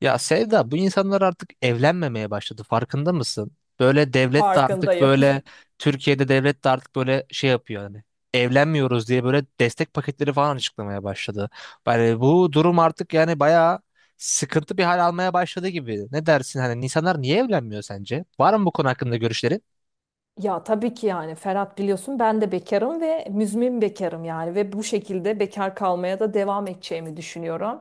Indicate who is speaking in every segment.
Speaker 1: Ya Sevda, bu insanlar artık evlenmemeye başladı, farkında mısın? Böyle devlet de artık
Speaker 2: Farkındayım.
Speaker 1: böyle Türkiye'de devlet de artık böyle şey yapıyor, hani evlenmiyoruz diye böyle destek paketleri falan açıklamaya başladı. Yani bu durum artık yani bayağı sıkıntı bir hal almaya başladı gibi. Ne dersin, hani insanlar niye evlenmiyor sence? Var mı bu konu hakkında görüşlerin?
Speaker 2: Ya tabii ki yani Ferhat biliyorsun ben de bekarım ve müzmin bekarım yani ve bu şekilde bekar kalmaya da devam edeceğimi düşünüyorum.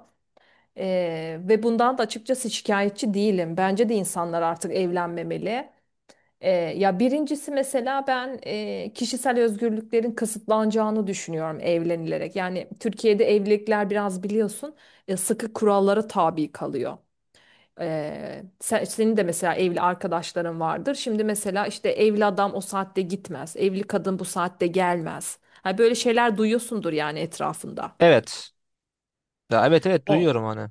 Speaker 2: Ve bundan da açıkçası şikayetçi değilim. Bence de insanlar artık evlenmemeli. Ya birincisi mesela ben kişisel özgürlüklerin kısıtlanacağını düşünüyorum evlenilerek. Yani Türkiye'de evlilikler biraz biliyorsun sıkı kurallara tabi kalıyor. Senin de mesela evli arkadaşların vardır. Şimdi mesela işte evli adam o saatte gitmez. Evli kadın bu saatte gelmez. Ha, böyle şeyler duyuyorsundur yani etrafında.
Speaker 1: Evet. Ya, evet, evet, duyuyorum hani.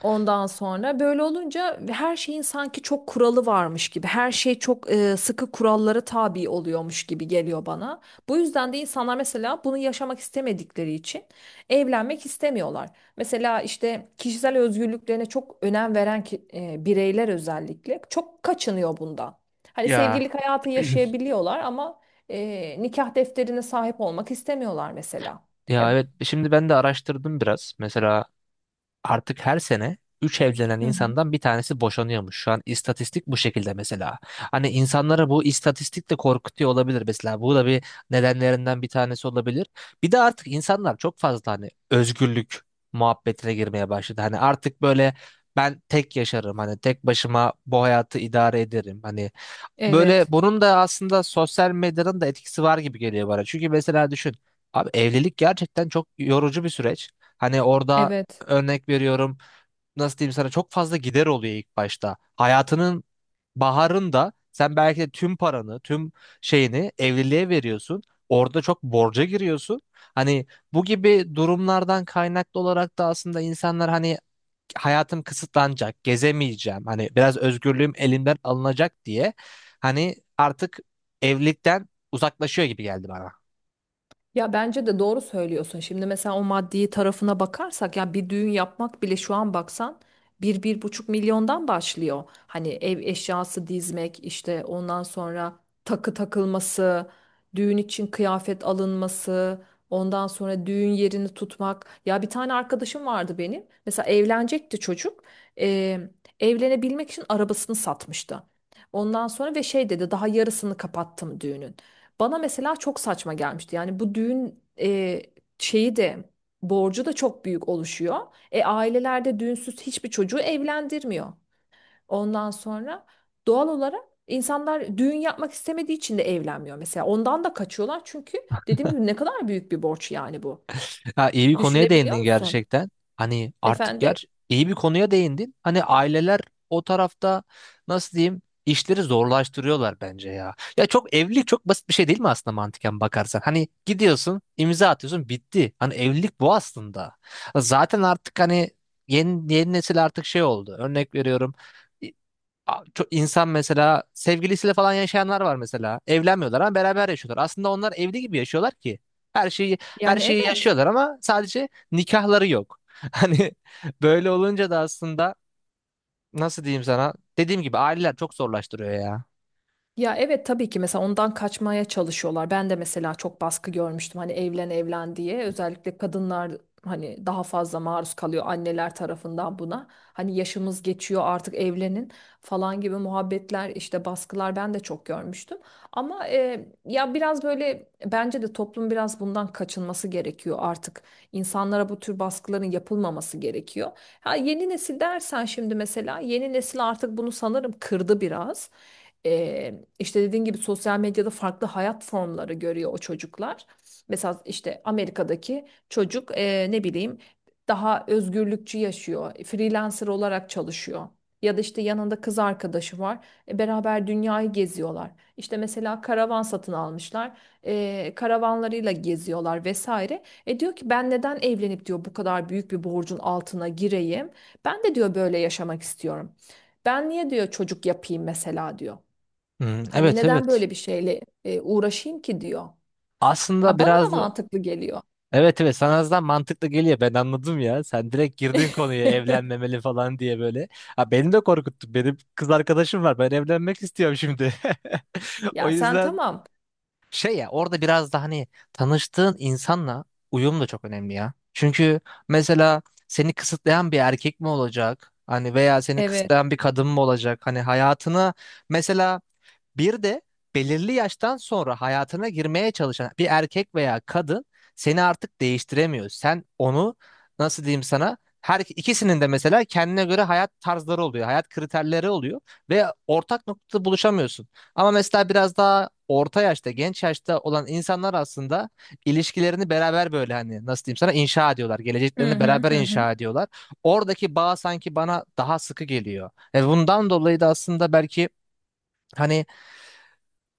Speaker 2: Ondan sonra böyle olunca her şeyin sanki çok kuralı varmış gibi, her şey çok sıkı kurallara tabi oluyormuş gibi geliyor bana. Bu yüzden de insanlar mesela bunu yaşamak istemedikleri için evlenmek istemiyorlar. Mesela işte kişisel özgürlüklerine çok önem veren bireyler özellikle çok kaçınıyor bundan. Hani
Speaker 1: Ya
Speaker 2: sevgililik hayatı yaşayabiliyorlar ama nikah defterine sahip olmak istemiyorlar mesela.
Speaker 1: ya,
Speaker 2: Ya,
Speaker 1: evet, şimdi ben de araştırdım biraz. Mesela artık her sene 3 evlenen
Speaker 2: hı hı.
Speaker 1: insandan bir tanesi boşanıyormuş. Şu an istatistik bu şekilde mesela. Hani insanlara bu istatistik de korkutuyor olabilir mesela. Bu da bir nedenlerinden bir tanesi olabilir. Bir de artık insanlar çok fazla hani özgürlük muhabbetine girmeye başladı. Hani artık böyle ben tek yaşarım. Hani tek başıma bu hayatı idare ederim. Hani böyle
Speaker 2: Evet,
Speaker 1: bunun da aslında sosyal medyanın da etkisi var gibi geliyor bana. Çünkü mesela düşün. Abi evlilik gerçekten çok yorucu bir süreç. Hani orada
Speaker 2: evet.
Speaker 1: örnek veriyorum, nasıl diyeyim sana, çok fazla gider oluyor ilk başta. Hayatının baharında sen belki de tüm paranı, tüm şeyini evliliğe veriyorsun. Orada çok borca giriyorsun. Hani bu gibi durumlardan kaynaklı olarak da aslında insanlar hani hayatım kısıtlanacak, gezemeyeceğim. Hani biraz özgürlüğüm elimden alınacak diye hani artık evlilikten uzaklaşıyor gibi geldi bana.
Speaker 2: Ya bence de doğru söylüyorsun. Şimdi mesela o maddi tarafına bakarsak ya bir düğün yapmak bile şu an baksan bir buçuk milyondan başlıyor. Hani ev eşyası dizmek işte ondan sonra takı takılması, düğün için kıyafet alınması, ondan sonra düğün yerini tutmak. Ya bir tane arkadaşım vardı benim. Mesela evlenecekti çocuk. Eee, Evlenebilmek için arabasını satmıştı. Ondan sonra ve şey dedi daha yarısını kapattım düğünün. Bana mesela çok saçma gelmişti. Yani bu düğün şeyi de borcu da çok büyük oluşuyor. Ailelerde düğünsüz hiçbir çocuğu evlendirmiyor. Ondan sonra doğal olarak insanlar düğün yapmak istemediği için de evlenmiyor mesela. Ondan da kaçıyorlar çünkü dediğim gibi ne kadar büyük bir borç yani bu.
Speaker 1: Ha, iyi bir konuya
Speaker 2: Düşünebiliyor
Speaker 1: değindin
Speaker 2: musun?
Speaker 1: gerçekten. Hani artık
Speaker 2: Efendim?
Speaker 1: iyi bir konuya değindin. Hani aileler o tarafta nasıl diyeyim işleri zorlaştırıyorlar bence ya. Ya evlilik çok basit bir şey değil mi aslında mantıken bakarsan? Hani gidiyorsun, imza atıyorsun, bitti. Hani evlilik bu aslında. Zaten artık hani yeni nesil artık şey oldu. Örnek veriyorum. Çok insan mesela sevgilisiyle falan yaşayanlar var mesela. Evlenmiyorlar ama beraber yaşıyorlar. Aslında onlar evli gibi yaşıyorlar ki. Her şeyi, her
Speaker 2: Yani
Speaker 1: şeyi
Speaker 2: evet.
Speaker 1: yaşıyorlar ama sadece nikahları yok. Hani böyle olunca da aslında nasıl diyeyim sana? Dediğim gibi aileler çok zorlaştırıyor ya.
Speaker 2: Ya evet tabii ki mesela ondan kaçmaya çalışıyorlar. Ben de mesela çok baskı görmüştüm hani evlen evlen diye. Özellikle kadınlar hani daha fazla maruz kalıyor anneler tarafından buna. Hani yaşımız geçiyor artık evlenin falan gibi muhabbetler işte baskılar ben de çok görmüştüm. Ama ya biraz böyle bence de toplum biraz bundan kaçınması gerekiyor artık. İnsanlara bu tür baskıların yapılmaması gerekiyor. Ha, yeni nesil dersen şimdi mesela yeni nesil artık bunu sanırım kırdı biraz. İşte dediğin gibi sosyal medyada farklı hayat formları görüyor o çocuklar. Mesela işte Amerika'daki çocuk ne bileyim daha özgürlükçü yaşıyor. Freelancer olarak çalışıyor. Ya da işte yanında kız arkadaşı var. Beraber dünyayı geziyorlar. İşte mesela karavan satın almışlar. Karavanlarıyla geziyorlar vesaire. Diyor ki ben neden evlenip diyor bu kadar büyük bir borcun altına gireyim? Ben de diyor böyle yaşamak istiyorum. Ben niye diyor çocuk yapayım mesela diyor.
Speaker 1: Hmm,
Speaker 2: Hani
Speaker 1: evet,
Speaker 2: neden
Speaker 1: evet.
Speaker 2: böyle bir şeyle uğraşayım ki diyor.
Speaker 1: Aslında
Speaker 2: Ha bana da
Speaker 1: biraz da-
Speaker 2: mantıklı geliyor.
Speaker 1: evet evet, sana azdan mantıklı geliyor, ben anladım ya. Sen direkt girdin konuya, evlenmemeli falan diye böyle. Ha, beni de korkuttun. Benim kız arkadaşım var. Ben evlenmek istiyorum şimdi. O
Speaker 2: Ya sen
Speaker 1: yüzden
Speaker 2: tamam.
Speaker 1: şey, ya, orada biraz da hani tanıştığın insanla uyum da çok önemli ya. Çünkü mesela seni kısıtlayan bir erkek mi olacak? Hani veya seni
Speaker 2: Evet.
Speaker 1: kısıtlayan bir kadın mı olacak? Hani hayatını, mesela bir de belirli yaştan sonra hayatına girmeye çalışan bir erkek veya kadın seni artık değiştiremiyor. Sen onu, nasıl diyeyim sana, her ikisinin de mesela kendine göre hayat tarzları oluyor, hayat kriterleri oluyor ve ortak noktada buluşamıyorsun. Ama mesela biraz daha orta yaşta, genç yaşta olan insanlar aslında ilişkilerini beraber böyle hani nasıl diyeyim sana inşa ediyorlar.
Speaker 2: Hı
Speaker 1: Geleceklerini
Speaker 2: hı
Speaker 1: beraber
Speaker 2: hı, hı.
Speaker 1: inşa ediyorlar. Oradaki bağ sanki bana daha sıkı geliyor. Ve bundan dolayı da aslında belki hani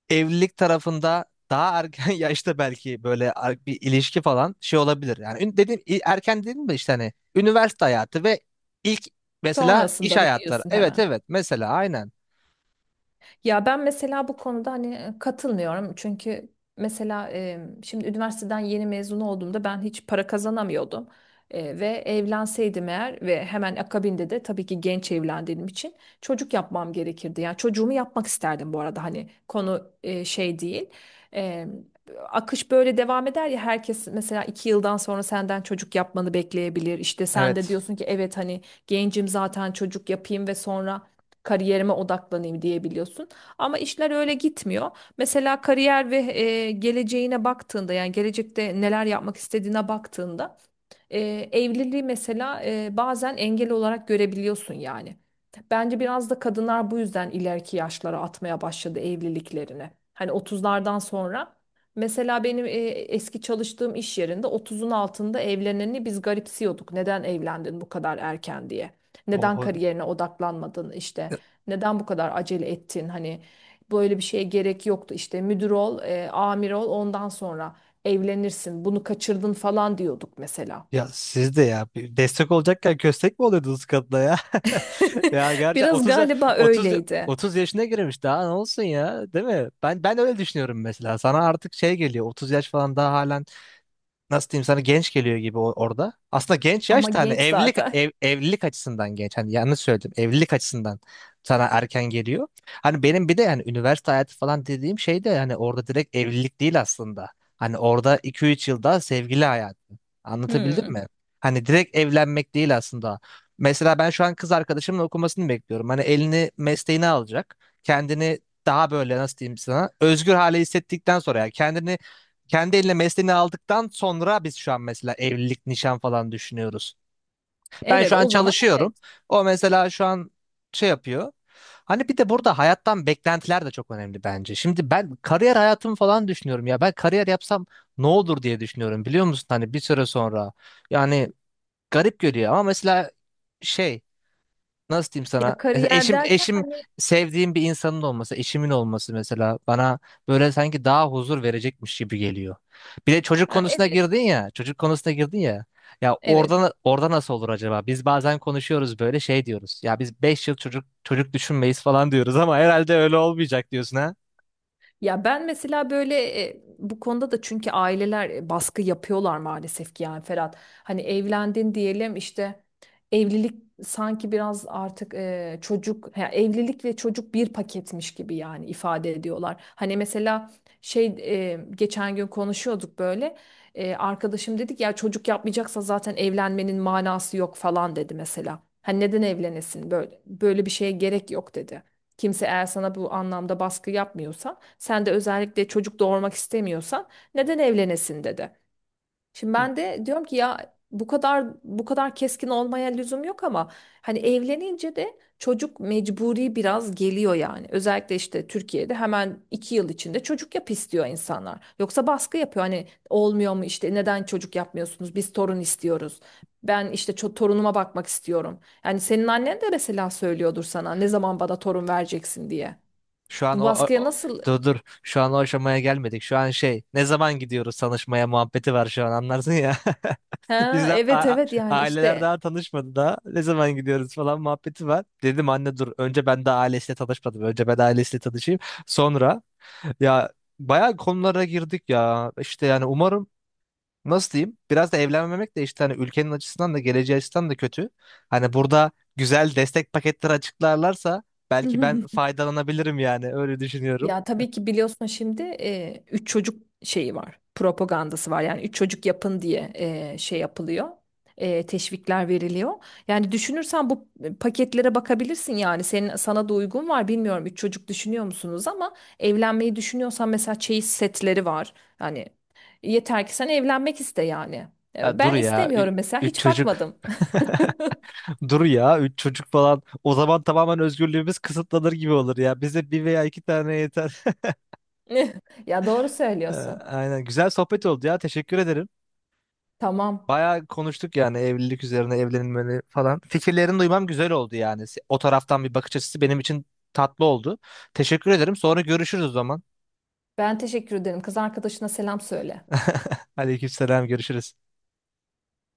Speaker 1: evlilik tarafında daha erken yaşta belki böyle bir ilişki falan şey olabilir. Yani dedim erken dedim mi işte hani üniversite hayatı ve ilk mesela iş
Speaker 2: Sonrasında mı
Speaker 1: hayatları.
Speaker 2: diyorsun
Speaker 1: Evet,
Speaker 2: hemen?
Speaker 1: evet, mesela aynen.
Speaker 2: Ya ben mesela bu konuda hani katılmıyorum. Çünkü mesela şimdi üniversiteden yeni mezun olduğumda ben hiç para kazanamıyordum. Ve evlenseydim eğer ve hemen akabinde de tabii ki genç evlendiğim için çocuk yapmam gerekirdi. Yani çocuğumu yapmak isterdim bu arada hani konu şey değil. E, Akış böyle devam eder ya herkes mesela 2 yıldan sonra senden çocuk yapmanı bekleyebilir. İşte sen de
Speaker 1: Evet.
Speaker 2: diyorsun ki evet hani gencim zaten çocuk yapayım ve sonra kariyerime odaklanayım diyebiliyorsun. Ama işler öyle gitmiyor. Mesela kariyer ve geleceğine baktığında yani gelecekte neler yapmak istediğine baktığında e, evliliği mesela bazen engel olarak görebiliyorsun yani. Bence biraz da kadınlar bu yüzden ileriki yaşlara atmaya başladı evliliklerini. Hani 30'lardan sonra mesela benim eski çalıştığım iş yerinde 30'un altında evleneni biz garipsiyorduk. Neden evlendin bu kadar erken diye. Neden
Speaker 1: Oho.
Speaker 2: kariyerine odaklanmadın işte. Neden bu kadar acele ettin hani böyle bir şeye gerek yoktu işte müdür ol, amir ol ondan sonra evlenirsin. Bunu kaçırdın falan diyorduk mesela.
Speaker 1: Ya siz de, ya, bir destek olacakken köstek mi oluyordunuz kadına ya? Ya gerçekten
Speaker 2: Biraz
Speaker 1: 30 ya-
Speaker 2: galiba
Speaker 1: 30 ya-
Speaker 2: öyleydi.
Speaker 1: 30 yaşına girmiş daha ne olsun ya, değil mi? Ben öyle düşünüyorum mesela. Sana artık şey geliyor, 30 yaş falan daha hala nasıl diyeyim sana genç geliyor gibi orada. Aslında genç
Speaker 2: Ama
Speaker 1: yaş da hani
Speaker 2: genç
Speaker 1: evlilik
Speaker 2: zaten.
Speaker 1: evlilik açısından genç. Hani yanlış söyledim. Evlilik açısından sana erken geliyor. Hani benim bir de yani üniversite hayatı falan dediğim şey de hani orada direkt evlilik değil aslında. Hani orada iki üç yılda sevgili hayatı. Anlatabildim
Speaker 2: Hmm.
Speaker 1: mi? Hani direkt evlenmek değil aslında. Mesela ben şu an kız arkadaşımın okumasını bekliyorum. Hani elini mesleğine alacak. Kendini daha böyle nasıl diyeyim sana özgür hale hissettikten sonra yani kendini kendi eline mesleğini aldıktan sonra biz şu an mesela evlilik, nişan falan düşünüyoruz. Ben
Speaker 2: Evet,
Speaker 1: şu an
Speaker 2: o zaman
Speaker 1: çalışıyorum.
Speaker 2: evet.
Speaker 1: O mesela şu an şey yapıyor. Hani bir de burada hayattan beklentiler de çok önemli bence. Şimdi ben kariyer hayatımı falan düşünüyorum ya. Ben kariyer yapsam ne olur diye düşünüyorum biliyor musun? Hani bir süre sonra. Yani garip görüyor ama mesela şey, nasıl diyeyim sana?
Speaker 2: Ya
Speaker 1: Mesela
Speaker 2: kariyer
Speaker 1: Eşim
Speaker 2: derken
Speaker 1: eşim
Speaker 2: hani
Speaker 1: sevdiğim bir insanın olması, eşimin olması mesela bana böyle sanki daha huzur verecekmiş gibi geliyor. Bir de çocuk
Speaker 2: ha,
Speaker 1: konusuna
Speaker 2: evet,
Speaker 1: girdin ya, çocuk konusuna girdin ya. Ya,
Speaker 2: evet.
Speaker 1: orada nasıl olur acaba? Biz bazen konuşuyoruz, böyle şey diyoruz. Ya biz 5 yıl çocuk düşünmeyiz falan diyoruz ama herhalde öyle olmayacak diyorsun ha.
Speaker 2: Ya ben mesela böyle bu konuda da çünkü aileler baskı yapıyorlar maalesef ki yani Ferhat. Hani evlendin diyelim işte evlilik sanki biraz artık çocuk ya evlilik ve çocuk bir paketmiş gibi yani ifade ediyorlar. Hani mesela şey geçen gün konuşuyorduk böyle. Arkadaşım dedik ya çocuk yapmayacaksa zaten evlenmenin manası yok falan dedi mesela. Hani neden evlenesin böyle böyle bir şeye gerek yok dedi. Kimse eğer sana bu anlamda baskı yapmıyorsa. Sen de özellikle çocuk doğurmak istemiyorsan neden evlenesin dedi. Şimdi ben de diyorum ki ya bu kadar keskin olmaya lüzum yok ama hani evlenince de çocuk mecburi biraz geliyor yani. Özellikle işte Türkiye'de hemen 2 yıl içinde çocuk yap istiyor insanlar. Yoksa baskı yapıyor hani olmuyor mu işte neden çocuk yapmıyorsunuz biz torun istiyoruz. Ben işte torunuma bakmak istiyorum. Yani senin annen de mesela söylüyordur sana ne zaman bana torun vereceksin diye.
Speaker 1: Şu an o,
Speaker 2: Bu
Speaker 1: o-
Speaker 2: baskıya
Speaker 1: o-
Speaker 2: nasıl...
Speaker 1: Dur, dur, şu an o aşamaya gelmedik. Şu an şey, ne zaman gidiyoruz tanışmaya muhabbeti var şu an, anlarsın ya.
Speaker 2: Ha,
Speaker 1: Bizden
Speaker 2: evet
Speaker 1: a-
Speaker 2: evet yani
Speaker 1: Aileler
Speaker 2: işte.
Speaker 1: daha tanışmadı da ne zaman gidiyoruz falan muhabbeti var. Dedim anne dur, önce ben daha ailesiyle tanışmadım. Önce ben ailesiyle tanışayım. Sonra, ya, bayağı konulara girdik ya. İşte yani umarım, nasıl diyeyim? Biraz da evlenmemek de işte hani ülkenin açısından da geleceği açısından da kötü. Hani burada güzel destek paketleri açıklarlarsa belki ben faydalanabilirim yani öyle düşünüyorum.
Speaker 2: Ya tabii ki biliyorsun şimdi 3 çocuk şeyi var propagandası var yani 3 çocuk yapın diye şey yapılıyor. Teşvikler veriliyor yani düşünürsen bu paketlere bakabilirsin yani sana da uygun var bilmiyorum 3 çocuk düşünüyor musunuz ama evlenmeyi düşünüyorsan mesela çeyiz setleri var yani yeter ki sen evlenmek iste yani.
Speaker 1: Ya dur
Speaker 2: Ben
Speaker 1: ya,
Speaker 2: istemiyorum mesela
Speaker 1: üç
Speaker 2: hiç
Speaker 1: çocuk.
Speaker 2: bakmadım.
Speaker 1: Dur ya, üç çocuk falan. O zaman tamamen özgürlüğümüz kısıtlanır gibi olur ya. Bize bir veya iki tane yeter.
Speaker 2: Ya doğru
Speaker 1: Ee,
Speaker 2: söylüyorsun.
Speaker 1: Aynen. Güzel sohbet oldu ya. Teşekkür ederim.
Speaker 2: Tamam.
Speaker 1: Bayağı konuştuk yani evlilik üzerine evlenilmeli falan. Fikirlerini duymam güzel oldu yani. O taraftan bir bakış açısı benim için tatlı oldu. Teşekkür ederim. Sonra görüşürüz o zaman.
Speaker 2: Ben teşekkür ederim. Kız arkadaşına selam söyle.
Speaker 1: Aleykümselam görüşürüz.